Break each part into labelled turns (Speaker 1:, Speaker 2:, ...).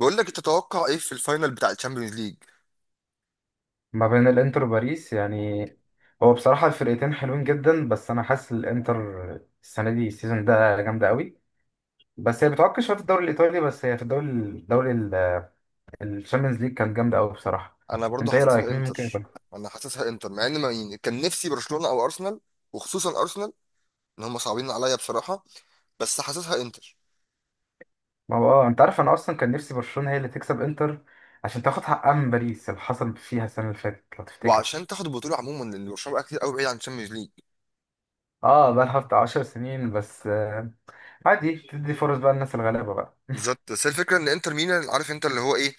Speaker 1: بقول لك تتوقع ايه في الفاينل بتاع الشامبيونز ليج؟
Speaker 2: ما بين الانتر وباريس يعني. هو بصراحة الفرقتين حلوين جدا، بس انا حاسس الانتر السنة دي السيزون ده جامدة قوي. بس هي بتعك شوية في الدوري الايطالي، بس هي في الدوري الشامبيونز ليج كانت جامدة قوي بصراحة.
Speaker 1: انا برضو
Speaker 2: انت ايه
Speaker 1: حاسسها
Speaker 2: رأيك مين ممكن
Speaker 1: انتر.
Speaker 2: يكون؟
Speaker 1: انا حاسسها انتر مع ان ما يعني كان نفسي برشلونة او ارسنال، وخصوصا ارسنال، ان هم صعبين عليا بصراحة. بس حاسسها انتر.
Speaker 2: ما هو انت عارف انا اصلا كان نفسي برشلونة هي اللي تكسب انتر عشان تاخد حقها من باريس اللي حصل فيها السنة اللي فاتت لو تفتكر.
Speaker 1: وعشان تاخد البطولة عموما لان برشلونة بقى كتير قوي بعيد عن الشامبيونز ليج.
Speaker 2: اه بقى لها بتاع 10 سنين بس. عادي تدي فرص بقى للناس الغلابة بقى.
Speaker 1: بالظبط. بس هي الفكرة ان انتر ميلان عارف انت اللي هو ايه،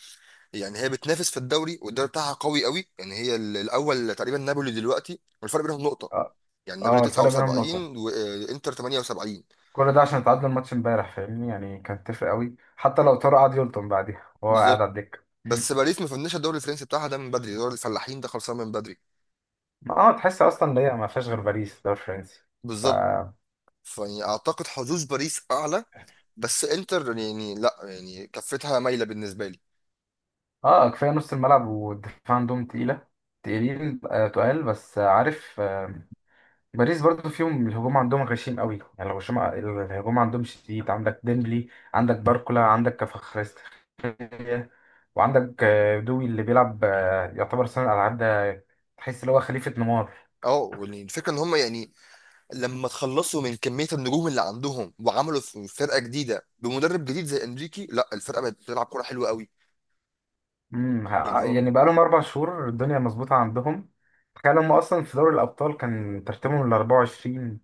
Speaker 1: يعني هي بتنافس في الدوري والدوري بتاعها قوي قوي، يعني هي الاول تقريبا نابولي دلوقتي والفرق بينهم نقطة.
Speaker 2: اه
Speaker 1: يعني نابولي
Speaker 2: الفرق بينهم نقطة.
Speaker 1: 79 وانتر 78.
Speaker 2: كل ده عشان تعادلوا الماتش امبارح، فاهمني يعني، كان تفرق قوي حتى لو طاروا، قعد يلطم بعديها وهو قاعد
Speaker 1: بالظبط.
Speaker 2: على الدكه.
Speaker 1: بس باريس ما فنش الدوري الفرنسي بتاعها ده من بدري، دوري الفلاحين ده خلصان من بدري.
Speaker 2: ما تحس اصلا ان هي ما فيهاش غير باريس الدوري الفرنسي. ف
Speaker 1: بالظبط، فيعني اعتقد حظوظ باريس اعلى. بس انتر يعني لا، يعني كفتها مايله بالنسبه لي.
Speaker 2: اه كفايه نص الملعب والدفاع عندهم تقيله. تقيلين آه تقال بس، عارف. باريس برضو فيهم الهجوم عندهم غشيم قوي، يعني الهجوم عندهم شديد. عندك ديمبلي، عندك باركولا، عندك كفخريستخيليا، وعندك دوي اللي بيلعب، يعتبر صانع العاب ده. تحس اللي هو خليفه نيمار.
Speaker 1: اه يعني الفكره ان هم يعني لما تخلصوا من كميه النجوم اللي عندهم وعملوا فرقه جديده بمدرب جديد زي انريكي، لا الفرقه بقت بتلعب كوره حلوه قوي. يعني هو.
Speaker 2: يعني بقالهم 4 شهور الدنيا مظبوطه عندهم. تخيل هم اصلا في دوري الابطال كان ترتيبهم ال 24،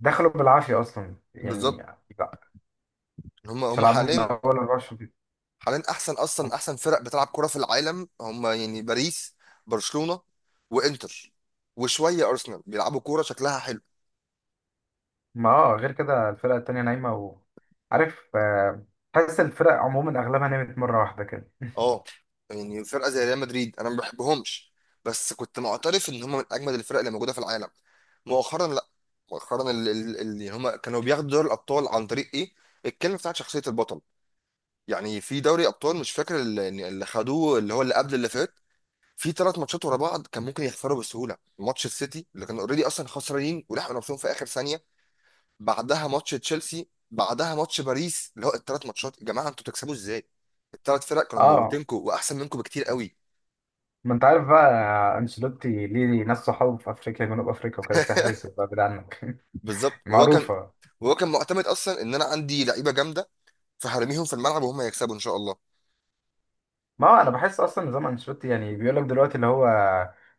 Speaker 2: دخلوا بالعافيه اصلا يعني.
Speaker 1: بالظبط.
Speaker 2: لا،
Speaker 1: هم
Speaker 2: مش
Speaker 1: هم
Speaker 2: هيلعبوا من
Speaker 1: حاليا.
Speaker 2: اول 24.
Speaker 1: حاليا احسن اصلا احسن فرق بتلعب كوره في العالم هم، يعني باريس، برشلونه، وانتر، وشويه ارسنال بيلعبوا كوره شكلها حلو.
Speaker 2: ما غير كده الفرقه التانيه نايمه عارف، تحس الفرق عموما اغلبها نامت مره واحده كده.
Speaker 1: اه يعني فرقه زي ريال مدريد انا ما بحبهمش. بس كنت معترف ان هم من اجمد الفرق اللي موجوده في العالم. مؤخرا لا. مؤخرا اللي هم كانوا بياخدوا دوري الابطال عن طريق ايه، الكلمه بتاعت شخصيه البطل. يعني في دوري ابطال مش فاكر اللي خدوه، اللي هو اللي قبل اللي فات، في ثلاث ماتشات ورا بعض كان ممكن يخسروا بسهوله. ماتش السيتي اللي كانوا اوريدي اصلا خسرانين ولحقوا نفسهم في اخر ثانيه، بعدها ماتش تشيلسي، بعدها ماتش باريس، اللي هو الثلاث ماتشات يا جماعه انتوا تكسبوا ازاي؟ الثلاث فرق كانوا
Speaker 2: اه
Speaker 1: موتينكوا واحسن منكم بكتير قوي.
Speaker 2: ما انت عارف بقى، انشيلوتي ليه ناس صحابه في افريقيا، جنوب افريقيا، وكده سحر وبقى بعيد عنك.
Speaker 1: بالظبط وهو كان،
Speaker 2: معروفه.
Speaker 1: وهو كان معتمد اصلا ان انا عندي لعيبه جامده، فهرميهم في الملعب وهم يكسبوا ان شاء الله.
Speaker 2: ما هو انا بحس اصلا نظام انشيلوتي يعني بيقول لك دلوقتي اللي هو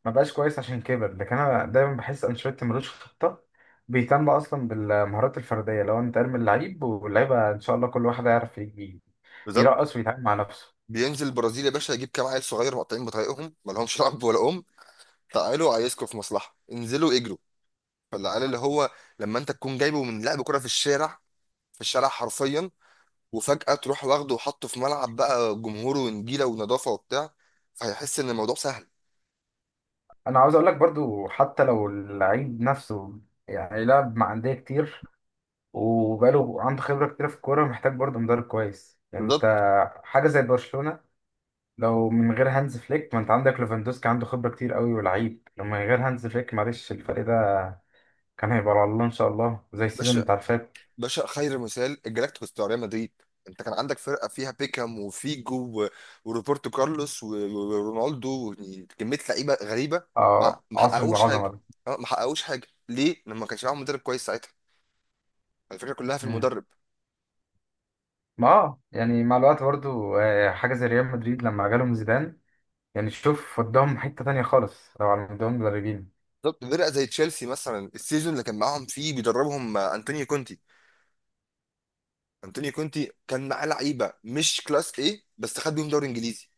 Speaker 2: ما بقاش كويس عشان كبر، لكن انا دايما بحس انشيلوتي ملوش خطه. بيهتم اصلا بالمهارات الفرديه، لو انت ارمي اللعيب واللعيبه ان شاء الله كل واحد هيعرف
Speaker 1: بالظبط.
Speaker 2: يرقص ويتعامل مع نفسه.
Speaker 1: بينزل البرازيل يا باشا يجيب كام عيل صغير مقطعين بطريقهم ما لهمش لعب ولا ام، تعالوا عايزكم في مصلحه انزلوا اجروا. فالعيال اللي هو لما انت تكون جايبه من لعب كره في الشارع، في الشارع حرفيا، وفجاه تروح واخده وحطه في ملعب بقى، جمهوره ونجيله ونظافه وبتاع، فهيحس ان الموضوع سهل.
Speaker 2: انا عاوز اقول لك برضو حتى لو اللعيب نفسه يعني لعب مع انديه كتير وبقاله عنده خبره كتير في الكوره، محتاج برضو مدرب كويس يعني، انت
Speaker 1: بالظبط
Speaker 2: حاجه زي برشلونه لو من غير هانز فليك، ما انت عندك ليفاندوسكي عنده خبرة كتير قوي ولعيب، لو من غير هانز فليك معلش الفريق ده كان هيبقى على الله ان شاء الله زي السيزون
Speaker 1: باشا.
Speaker 2: بتاع اللي فات.
Speaker 1: باشا خير مثال الجلاكتيكوس بتاع ريال مدريد. انت كان عندك فرقه فيها بيكهام وفيجو وروبرتو كارلوس ورونالدو، يعني كميه لعيبه غريبه. ما
Speaker 2: عصر
Speaker 1: حققوش
Speaker 2: العظمة
Speaker 1: حاجه.
Speaker 2: ده.
Speaker 1: اه ما حققوش حاجه ليه؟ لما ما كانش معاهم مدرب كويس ساعتها. الفكره كلها في
Speaker 2: مم.
Speaker 1: المدرب.
Speaker 2: ما يعني مع الوقت برضو، حاجة زي ريال مدريد لما جالهم زيدان، يعني شوف وداهم حتة تانية خالص لو على مدهم مدربين.
Speaker 1: بالظبط. فرقه زي تشيلسي مثلا، السيزون اللي كان معاهم فيه بيدربهم انطونيو كونتي. انطونيو كونتي كان معاه لعيبه مش كلاس ايه، بس خد بيهم دوري انجليزي.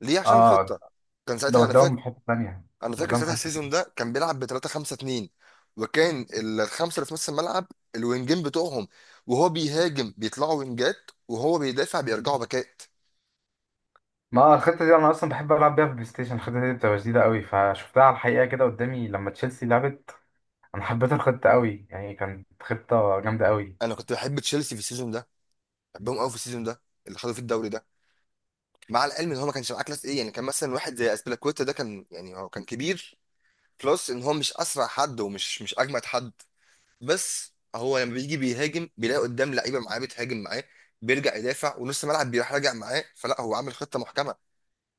Speaker 1: ليه؟ عشان
Speaker 2: اه
Speaker 1: خطه. كان
Speaker 2: ده
Speaker 1: ساعتها انا
Speaker 2: وداهم
Speaker 1: فاكر.
Speaker 2: في حتة تانية.
Speaker 1: انا فاكر
Speaker 2: وداهم في
Speaker 1: ساعتها
Speaker 2: حتة
Speaker 1: السيزون
Speaker 2: تانية.
Speaker 1: ده كان بيلعب ب 3 5 2، وكان الخمسه اللي في نص الملعب الوينجين بتوعهم، وهو بيهاجم بيطلعوا وينجات وهو بيدافع بيرجعوا باكات.
Speaker 2: ما الخطة دي أنا أصلا بحب ألعب بيها في البلاي ستيشن. الخطة دي بتبقى جديدة قوي، فشفتها على الحقيقة كده قدامي لما تشيلسي لعبت. انا حبيت الخطه قوي، يعني كانت خطه جامده قوي.
Speaker 1: انا كنت بحب تشيلسي في السيزون ده. بحبهم قوي في السيزون ده اللي خدوا فيه الدوري ده، مع العلم ان هو ما كانش معاه كلاس ايه. يعني كان مثلا واحد زي اسبلاكويتا ده كان يعني هو كان كبير، بلس ان هو مش اسرع حد ومش مش اجمد حد. بس هو لما بيجي بيهاجم بيلاقي قدام لعيبه معاه بتهاجم معاه، بيرجع يدافع ونص الملعب بيروح راجع معاه، فلا هو عامل خطه محكمه.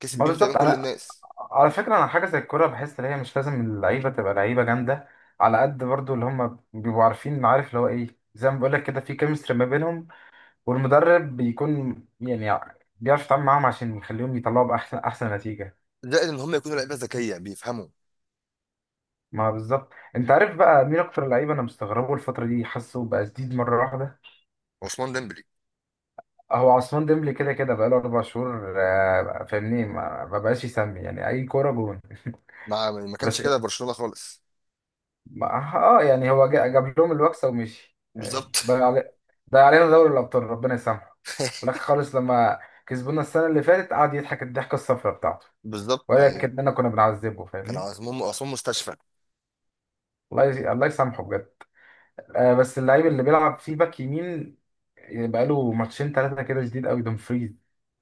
Speaker 1: كسب
Speaker 2: ما
Speaker 1: بيهم تقريبا
Speaker 2: بالظبط.
Speaker 1: كل
Speaker 2: انا
Speaker 1: الناس.
Speaker 2: على فكره، انا حاجه زي الكوره بحس ان هي مش لازم اللعيبه تبقى لعيبه جامده، على قد برضو اللي هم بيبقوا عارفين عارف اللي هو ايه، زي ما بقول لك كده في كيمستري ما بينهم، والمدرب بيكون يعني بيعرف يتعامل معاهم عشان يخليهم يطلعوا باحسن احسن نتيجه.
Speaker 1: زائد ان هم يكونوا لعيبه ذكيه بيفهموا.
Speaker 2: ما بالظبط. انت عارف بقى مين اكتر لعيبه انا مستغربه الفتره دي، حاسه بقى جديد مره واحده.
Speaker 1: عثمان ديمبلي.
Speaker 2: هو عثمان ديمبلي كده كده بقاله 4 شهور، فاهمني، ما بقاش يسمي يعني اي كوره جون.
Speaker 1: ما كانش
Speaker 2: بس
Speaker 1: كده في برشلونه خالص.
Speaker 2: يعني هو جاب لهم الوكسه ومشي، يعني
Speaker 1: بالظبط.
Speaker 2: ضيع علينا دوري الابطال ربنا يسامحه. في الاخر خالص لما كسبونا السنه اللي فاتت قعد يضحك الضحكه الصفراء بتاعته.
Speaker 1: بالظبط يعني
Speaker 2: ولكن انا كنا بنعذبه
Speaker 1: كان
Speaker 2: فاهمين.
Speaker 1: عثمان مستشفى.
Speaker 2: الله يسامحه بجد. بس اللعيب اللي بيلعب فيه باك يمين، يعني بقاله ماتشين ثلاثه كده جديد قوي، دومفريز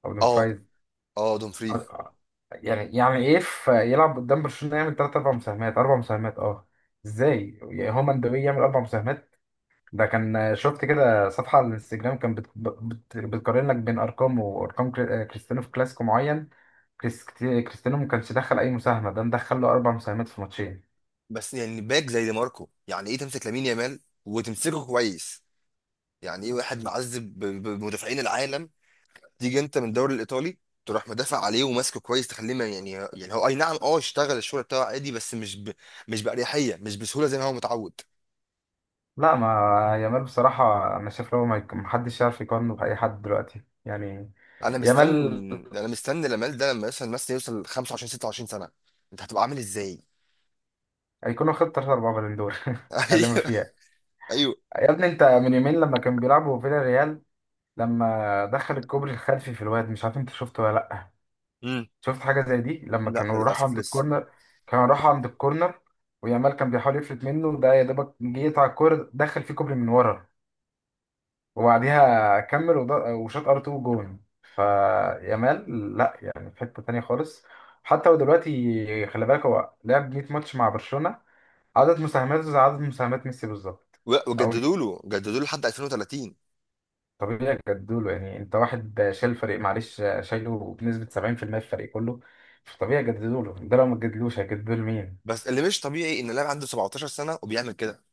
Speaker 2: او
Speaker 1: اه.
Speaker 2: دومفريز.
Speaker 1: اه دومفري.
Speaker 2: آه، آه. يعني ايه يلعب قدام برشلونه يعمل ثلاث اربع مساهمات، اربع مساهمات ازاي؟ يعني هو مندوي يعمل اربع مساهمات. ده كان شفت كده صفحة على الانستجرام كان بتقارن لك بين أرقام وأرقام، كريستيانو في كلاسيكو معين، كريستيانو ما كانش دخل أي مساهمة، ده مدخل له أربع مساهمات في ماتشين.
Speaker 1: بس يعني باك زي دي ماركو، يعني ايه تمسك لامين يامال وتمسكه كويس؟ يعني ايه واحد معذب بمدافعين العالم، تيجي انت من الدوري الايطالي تروح مدافع عليه وماسكه كويس، تخليه يعني هو اي نعم، اشتغل الشغل بتاعه عادي، بس مش باريحيه، مش بسهوله زي ما هو متعود.
Speaker 2: لا ما يامال بصراحة أنا شايف، لو ما يك- محدش يعرف يقارنه بأي حد دلوقتي يعني.
Speaker 1: انا
Speaker 2: يامال
Speaker 1: مستني. انا مستني لامال ده لما يوصل مثلا يوصل 25 26 سنه، انت هتبقى عامل ازاي؟
Speaker 2: هيكون واخد تلاتة أربعة بالون دور. اللي ما
Speaker 1: ايوه.
Speaker 2: فيها.
Speaker 1: ايوه.
Speaker 2: يا ابني، أنت من يومين لما كان بيلعبوا فيلا ريال، لما دخل الكوبري الخلفي في الواد، مش عارف أنت شفته ولا لأ؟
Speaker 1: امم.
Speaker 2: شفت حاجة زي دي لما
Speaker 1: لا
Speaker 2: كانوا راحوا
Speaker 1: للاسف
Speaker 2: عند
Speaker 1: لسه.
Speaker 2: الكورنر. كانوا راحوا عند الكورنر ويامال كان بيحاول يفلت منه، ده يا دوبك جه يقطع الكورة دخل فيه كوبري من ورا، وبعديها كمل وشاط ار 2 جون. فيامال لا، يعني في حتة تانية خالص. حتى هو دلوقتي خلي بالك هو لعب 100 ماتش مع برشلونة، عدد مساهماته زي عدد مساهمات ميسي بالظبط. أو
Speaker 1: وجددوا له لحد 2030.
Speaker 2: طبيعي جدوله، يعني أنت واحد شايل فريق معلش، شايله بنسبة 70% في المية في الفريق كله. فطبيعي جددوله، ده لو ما تجددلوش هيجددوله مين؟
Speaker 1: بس اللي مش طبيعي ان اللاعب عنده 17 سنه وبيعمل كده.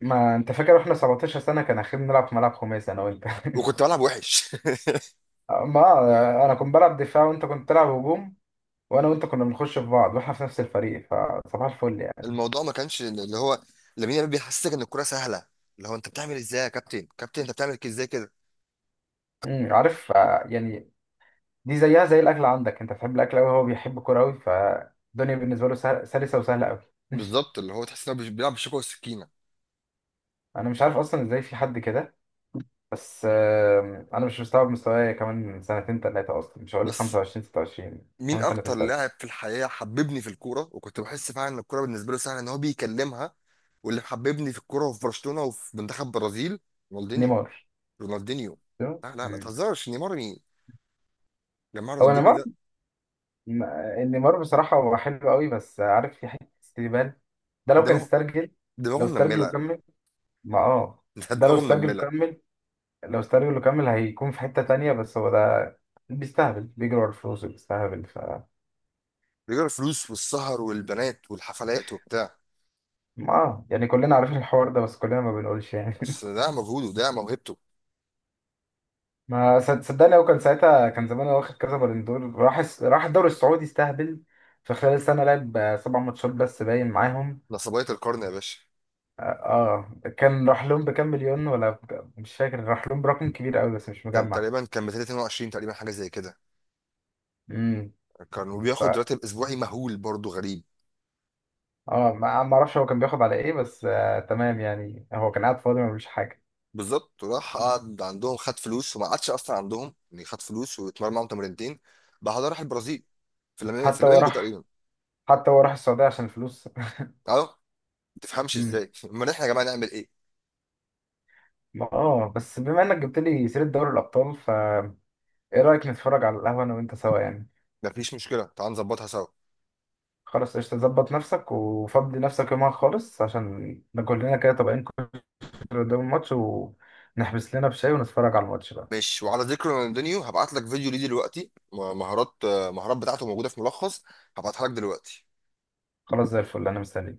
Speaker 2: ما انت فاكر واحنا 17 سنه كان اخير بنلعب في ملعب خماسي انا وانت؟
Speaker 1: وكنت بلعب وحش.
Speaker 2: ما انا كنت بلعب دفاع وانت كنت تلعب هجوم، وانا وانت كنا بنخش في بعض واحنا في نفس الفريق، فصباح الفل يعني.
Speaker 1: الموضوع ما كانش اللي هو لامين يامال بيحسسك ان الكرة سهله، اللي هو انت بتعمل ازاي يا كابتن، كابتن انت بتعمل كده ازاي كده.
Speaker 2: عارف، يعني دي زيها زي الاكل. عندك انت بتحب الاكل قوي، هو بيحب الكوره قوي، فالدنيا بالنسبه له سلسه وسهله قوي.
Speaker 1: بالظبط، اللي هو تحس انه بيلعب بالشوكه والسكينه.
Speaker 2: انا مش عارف اصلا ازاي في حد كده. بس انا مش مستوعب مستواي كمان سنتين ثلاثه، اصلا مش هقول
Speaker 1: بس
Speaker 2: 25 26،
Speaker 1: مين
Speaker 2: كمان
Speaker 1: اكتر
Speaker 2: سنتين
Speaker 1: لاعب
Speaker 2: ثلاثه.
Speaker 1: في الحياه حببني في الكوره وكنت بحس فعلا ان الكوره بالنسبه له سهله ان هو بيكلمها، واللي حببني في الكوره وفي برشلونه وفي منتخب برازيل؟ رونالدينيو.
Speaker 2: نيمار.
Speaker 1: رونالدينيو.
Speaker 2: تمام؟
Speaker 1: لا لا لا
Speaker 2: مم.
Speaker 1: تهزرش. نيمار مين؟ نيمار
Speaker 2: هو
Speaker 1: رونالدينيو
Speaker 2: نيمار.
Speaker 1: ده.
Speaker 2: م- نيمار بصراحة هو حلو قوي بس عارف في حتة استهبال، ده لو كان
Speaker 1: دماغه
Speaker 2: استرجل،
Speaker 1: دماغه
Speaker 2: لو استرجل
Speaker 1: منمله.
Speaker 2: وكمل. ما
Speaker 1: ده
Speaker 2: ده لو
Speaker 1: دماغه
Speaker 2: استرجل
Speaker 1: منمله.
Speaker 2: وكمل، لو استرجل وكمل هيكون في حتة تانية، بس هو ده بيستهبل بيجري ورا الفلوس بيستهبل.
Speaker 1: رجال الفلوس والسهر والبنات والحفلات وبتاع.
Speaker 2: ما يعني كلنا عارفين الحوار ده بس كلنا ما بنقولش
Speaker 1: بس
Speaker 2: يعني.
Speaker 1: ده مجهوده، ده موهبته.
Speaker 2: ما صدقني هو كان ساعتها، كان زمان هو واخد كذا بالون دور، راح راح الدوري السعودي استهبل، في خلال سنة لعب 7 ماتشات بس باين معاهم.
Speaker 1: نصبية القرن يا باشا.
Speaker 2: اه كان راح لهم بكام مليون ولا مش فاكر، راح لهم برقم كبير قوي بس مش
Speaker 1: كان
Speaker 2: مجمع.
Speaker 1: تقريبا كان 22 تقريبا، حاجه زي كده.
Speaker 2: امم
Speaker 1: كان
Speaker 2: ف
Speaker 1: وبياخد راتب اسبوعي مهول برضه غريب.
Speaker 2: اه ما اعرفش هو كان بياخد على ايه، بس تمام، يعني هو كان قاعد فاضي ما بيعملش حاجه.
Speaker 1: بالظبط، راح قعد عندهم، خد فلوس وما قعدش اصلا عندهم يعني. خد فلوس واتمرن معاهم تمرينتين، بعدها راح البرازيل. في الفلامينجو في
Speaker 2: حتى هو
Speaker 1: الفلامينجو
Speaker 2: راح
Speaker 1: تقريبا.
Speaker 2: حتى هو راح السعوديه عشان الفلوس.
Speaker 1: اه ما تفهمش
Speaker 2: امم
Speaker 1: ازاي. امال احنا يا جماعه نعمل ايه؟
Speaker 2: بس بما انك جبت لي سيره دوري الابطال، ايه رايك نتفرج على القهوه انا وانت سوا يعني؟
Speaker 1: مفيش مشكله، تعال نظبطها سوا.
Speaker 2: خلاص قشطة، ظبط نفسك وفضي نفسك يومها خالص عشان ناكل لنا كده طبقين كشري قدام الماتش، ونحبس لنا بشاي ونتفرج على الماتش بقى.
Speaker 1: ماشي. وعلى ذكر رونالدينيو هبعت لك فيديو ليه دلوقتي، المهارات بتاعته موجوده في ملخص. هبعتها لك دلوقتي.
Speaker 2: خلاص زي الفل، انا مستني.